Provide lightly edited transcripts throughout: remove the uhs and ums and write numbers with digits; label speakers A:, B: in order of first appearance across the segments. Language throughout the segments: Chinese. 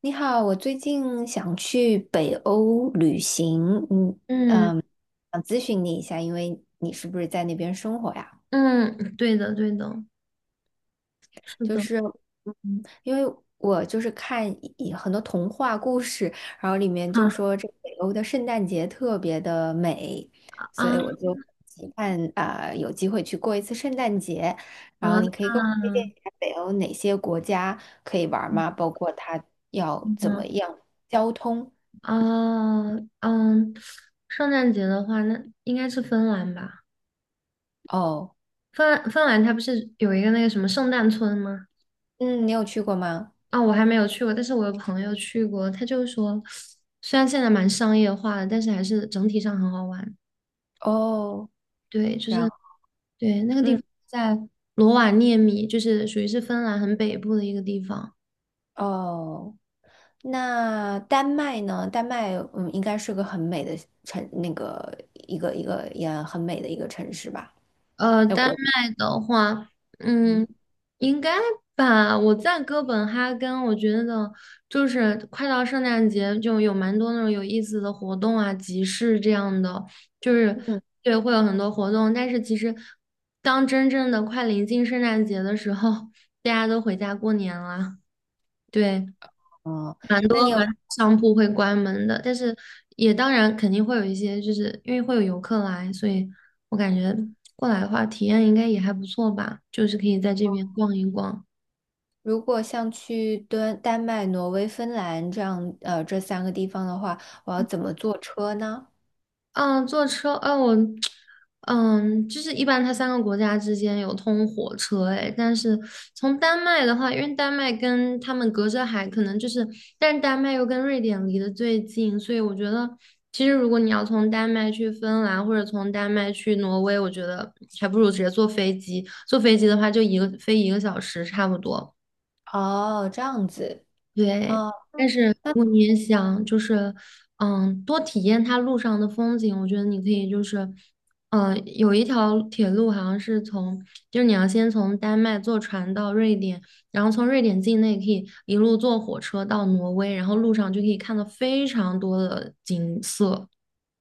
A: 你好，我最近想去北欧旅行，嗯，
B: 嗯
A: 想咨询你一下，因为你是不是在那边生活呀？
B: 嗯，懂，
A: 就
B: 懂，
A: 是，因为我就是看很多童话故事，然后里面就说这北欧的圣诞节特别的美，所以
B: 啊，
A: 我就期盼啊，有机会去过一次圣诞节。然后你
B: 啊，
A: 可以给我推荐一下北欧哪些国家可以玩儿吗？包括它要怎么
B: 嗯，
A: 样交通？
B: 哦，圣诞节的话，那应该是芬兰吧？
A: 哦，
B: 芬兰它不是有一个那个什么圣诞村吗？
A: 嗯，你有去过吗？
B: 啊、我还没有去过，但是我有朋友去过，他就说，虽然现在蛮商业化的，但是还是整体上很好玩。
A: 哦，
B: 对，就
A: 然
B: 是
A: 后
B: 对那个地
A: 嗯
B: 方在罗瓦涅米，就是属于是芬兰很北部的一个地方。
A: 哦，那丹麦呢？丹麦应该是个很美的城，那个一个也很美的一个城市吧？那
B: 丹
A: 国
B: 麦的话，
A: 嗯
B: 嗯，应该吧。我在哥本哈根，我觉得就是快到圣诞节，就有蛮多那种有意思的活动啊、集市这样的，就是
A: 嗯
B: 对，会有很多活动。但是其实，当真正的快临近圣诞节的时候，大家都回家过年了。对，
A: 哦，
B: 蛮
A: 那
B: 多
A: 你
B: 蛮
A: 有
B: 多商铺会关门的，但是也当然肯定会有一些，就是因为会有游客来，所以我感觉过来的话，体验应该也还不错吧，就是可以在这边逛一逛。
A: 如果像去丹麦、挪威、芬兰这样这三个地方的话，我要怎么坐车呢？
B: 嗯，坐车，就是一般它三个国家之间有通火车，诶，但是从丹麦的话，因为丹麦跟他们隔着海，可能就是，但是丹麦又跟瑞典离得最近，所以我觉得，其实如果你要从丹麦去芬兰或者从丹麦去挪威，我觉得还不如直接坐飞机，坐飞机的话就一个飞1个小时差不多。
A: 哦，这样子。
B: 对，
A: 哦，
B: 但是如
A: 那
B: 果你也想就是，多体验它路上的风景，我觉得你可以就是，嗯，有一条铁路好像是从，就是你要先从丹麦坐船到瑞典，然后从瑞典境内可以一路坐火车到挪威，然后路上就可以看到非常多的景色。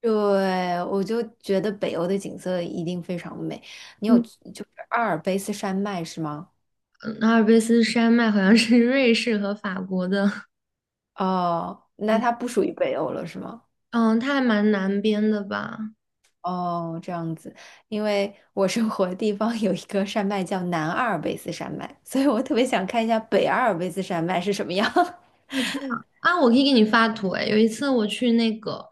A: 对，我就觉得北欧的景色一定非常美。你有
B: 嗯，
A: 就是阿尔卑斯山脉是吗？
B: 嗯，阿尔卑斯山脉好像是 瑞士和法国的，
A: 哦，那
B: 对，
A: 它不属于北欧了，是吗？
B: 嗯，它还蛮南边的吧。
A: 哦，这样子，因为我生活的地方有一个山脉叫南阿尔卑斯山脉，所以我特别想看一下北阿尔卑斯山脉是什么样。
B: 啊，这样啊，我可以给你发图诶。有一次我去那个，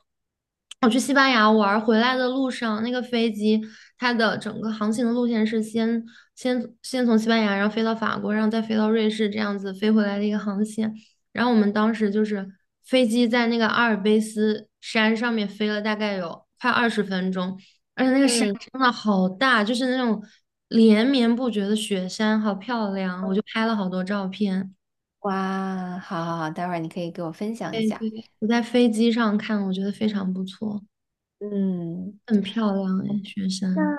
B: 我去西班牙玩儿，回来的路上，那个飞机它的整个航行的路线是先从西班牙，然后飞到法国，然后再飞到瑞士，这样子飞回来的一个航线。然后我们当时就是飞机在那个阿尔卑斯山上面飞了大概有快20分钟，而且那个山
A: 嗯，
B: 真的好大，就是那种连绵不绝的雪山，好漂亮，我就拍了好多照片。
A: 哇，好好好，待会儿你可以给我分享一下。
B: 我在飞机上看，我觉得非常不错，
A: 嗯，
B: 很漂亮哎，雪
A: 那
B: 山。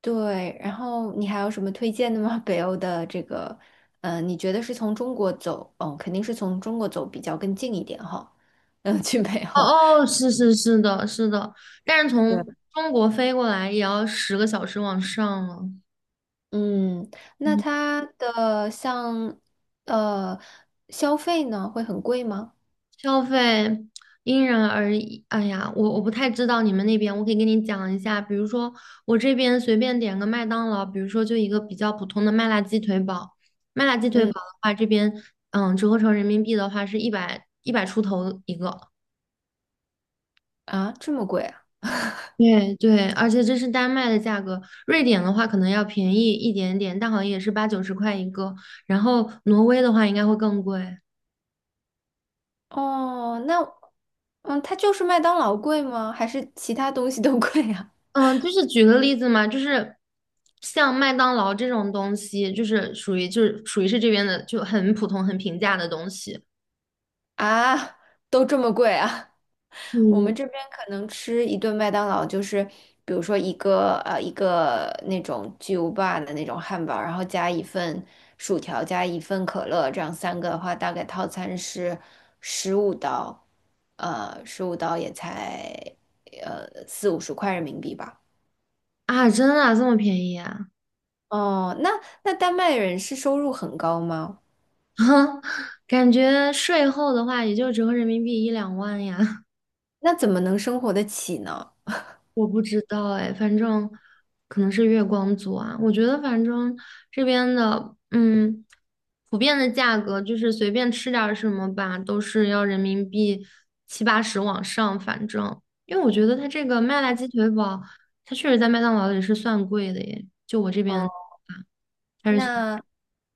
A: 对，然后你还有什么推荐的吗？北欧的这个，你觉得是从中国走，哦，肯定是从中国走比较更近一点哈，嗯，去北欧。
B: 哦哦，是是是的，是的，但是从
A: 对。
B: 中国飞过来也要10个小时往上了，
A: 嗯，那它的呃消费呢会很贵吗？
B: 消费因人而异。哎呀，我不太知道你们那边，我可以跟你讲一下，比如说我这边随便点个麦当劳，比如说就一个比较普通的麦辣鸡腿堡，麦辣鸡腿堡
A: 嗯
B: 的话，这边折合成人民币的话是一百一百出头一个。
A: 啊，这么贵啊？
B: 对对，而且这是丹麦的价格，瑞典的话可能要便宜一点点，但好像也是八九十块一个。然后挪威的话应该会更贵。
A: 哦，那它就是麦当劳贵吗？还是其他东西都贵啊？
B: 嗯，就是举个例子嘛，就是像麦当劳这种东西，就是属于是这边的就很普通很平价的东西。
A: 啊，都这么贵啊？我们
B: 嗯，
A: 这边可能吃一顿麦当劳，就是比如说一个那种巨无霸的那种汉堡，然后加一份薯条，加一份可乐，这样三个的话，大概套餐是十五刀，十五刀也才四五十块人民币吧。
B: 啊，真的啊这么便宜啊？
A: 哦，那丹麦人是收入很高吗？
B: 感觉税后的话也就折合人民币一两万呀。
A: 那怎么能生活得起呢？
B: 我不知道哎，反正可能是月光族啊。我觉得反正这边的，嗯，普遍的价格就是随便吃点儿什么吧，都是要人民币七八十往上。反正，因为我觉得它这个麦辣鸡腿堡，它确实在麦当劳里是算贵的耶，就我这边啊，
A: 哦，
B: 它是算。
A: 那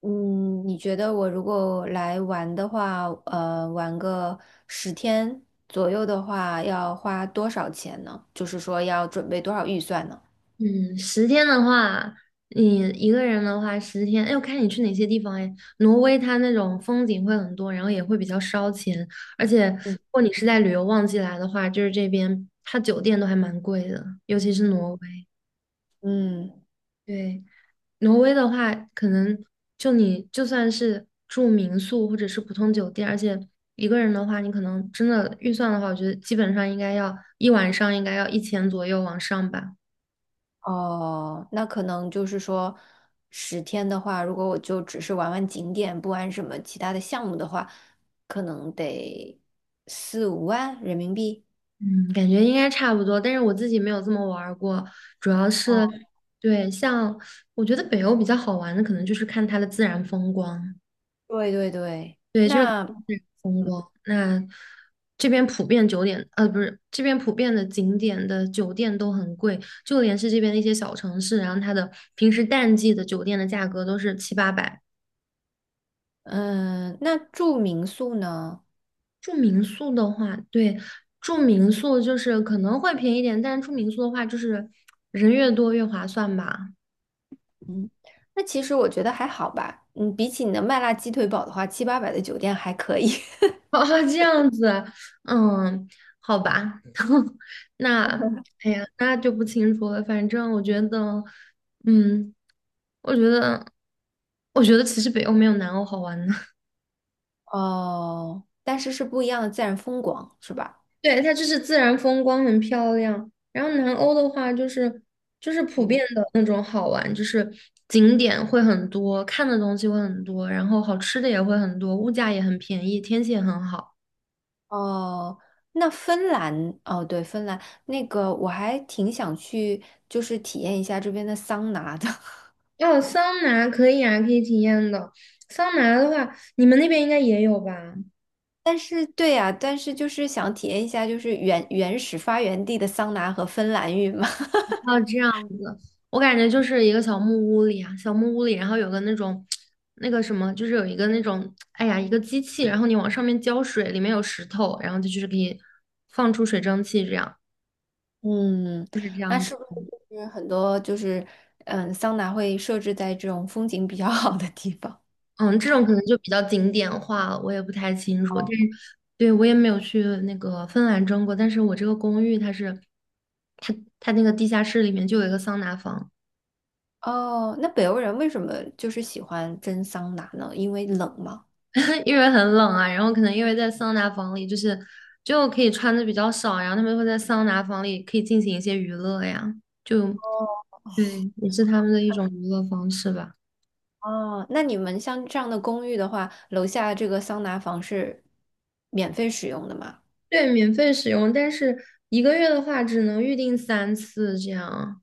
A: 你觉得我如果来玩的话，玩个十天左右的话，要花多少钱呢？就是说要准备多少预算呢？
B: 嗯，十天的话，你一个人的话，十天，哎，我看你去哪些地方哎。挪威它那种风景会很多，然后也会比较烧钱，而且如
A: 嗯，
B: 果你是在旅游旺季来的话，就是这边它酒店都还蛮贵的，尤其是挪威。
A: 嗯，
B: 对，挪威的话，可能就你就算是住民宿或者是普通酒店，而且一个人的话，你可能真的预算的话，我觉得基本上应该要一晚上应该要1000左右往上吧。
A: 哦，那可能就是说十天的话，如果我就只是玩玩景点，不玩什么其他的项目的话，可能得四五万人民币。
B: 嗯，感觉应该差不多，但是我自己没有这么玩儿过，主要
A: 哦，
B: 是，对，像我觉得北欧比较好玩的，可能就是看它的自然风光，
A: 对对对，
B: 对，就是看
A: 那
B: 自然风光。那这边普遍酒店，不是，这边普遍的景点的酒店都很贵，就连是这边的一些小城市，然后它的平时淡季的酒店的价格都是七八百。
A: 嗯，那住民宿呢？
B: 住民宿的话，对，住民宿就是可能会便宜点，但是住民宿的话，就是人越多越划算吧。
A: 嗯，那其实我觉得还好吧。嗯，比起你的麦辣鸡腿堡的话，七八百的酒店还可以。
B: 哦，这样子，嗯，好吧，那，哎呀，那就不清楚了。反正我觉得，嗯，我觉得，我觉得其实北欧没有南欧好玩呢。
A: 哦，但是是不一样的自然风光，是吧？
B: 对，它就是自然风光很漂亮，然后南欧的话就是就是普遍
A: 嗯，
B: 的那种好玩，就是景点会很多，看的东西会很多，然后好吃的也会很多，物价也很便宜，天气也很好。
A: 哦，那芬兰，哦，对，芬兰那个我还挺想去，就是体验一下这边的桑拿的。
B: 哦，桑拿可以啊，可以体验的。桑拿的话，你们那边应该也有吧？
A: 但是，对呀，但是就是想体验一下，就是原始发源地的桑拿和芬兰浴嘛。
B: 哦，这样子，我感觉就是一个小木屋里啊，小木屋里，然后有个那种，那个什么，就是有一个那种，哎呀，一个机器，然后你往上面浇水，里面有石头，然后它就是可以放出水蒸气这样。
A: 嗯，那是不是就是很多桑拿会设置在这种风景比较好的地方？
B: 嗯，这种可能就比较景点化了，我也不太清楚。但是，对，我也没有去那个芬兰蒸过，但是我这个公寓它是，它它那个地下室里面就有一个桑拿房。
A: 哦，那北欧人为什么就是喜欢蒸桑拿呢？因为冷吗？
B: 因为很冷啊，然后可能因为在桑拿房里，就是就可以穿的比较少，然后他们会在桑拿房里可以进行一些娱乐呀，就对，也是他们的一种娱乐方式吧。
A: 哦，那你们像这样的公寓的话，楼下这个桑拿房是免费使用的吗？
B: 对，免费使用，但是一个月的话只能预定3次这样。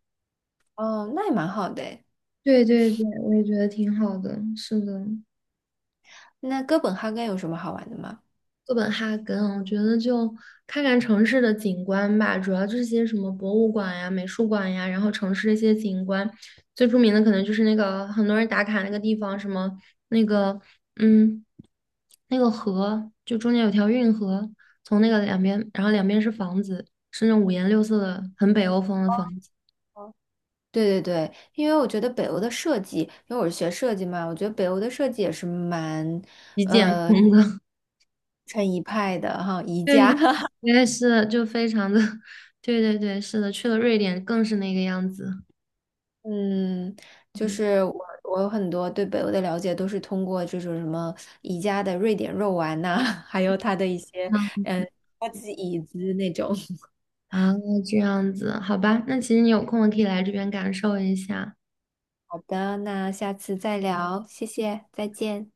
A: 哦，那也蛮好的诶。
B: 对对对，我也觉得挺好的，是的。
A: 那哥本哈根有什么好玩的吗？
B: 哥本哈根，我觉得就看看城市的景观吧，主要就是些什么博物馆呀、美术馆呀，然后城市的一些景观，最著名的可能就是那个很多人打卡那个地方，什么那个嗯，那个河，就中间有条运河，从那个两边，然后两边是房子，是那种五颜六色的，很北欧风的房子，
A: 哦，对对对，因为我觉得北欧的设计，因为我是学设计嘛，我觉得北欧的设计也是蛮
B: 极简风的。
A: 成一派的哈，宜
B: 对对
A: 家。
B: 对，是的就非常的，对对对，是的，去了瑞典更是那个样子。
A: 嗯，就
B: 对
A: 是我有很多对北欧的了解都是通过这种什么宜家的瑞典肉丸呐、还有它的一些
B: 嗯
A: 高级椅子那种。
B: 啊，这样子，好吧，那其实你有空可以来这边感受一下。
A: 好的，那下次再聊，谢谢，再见。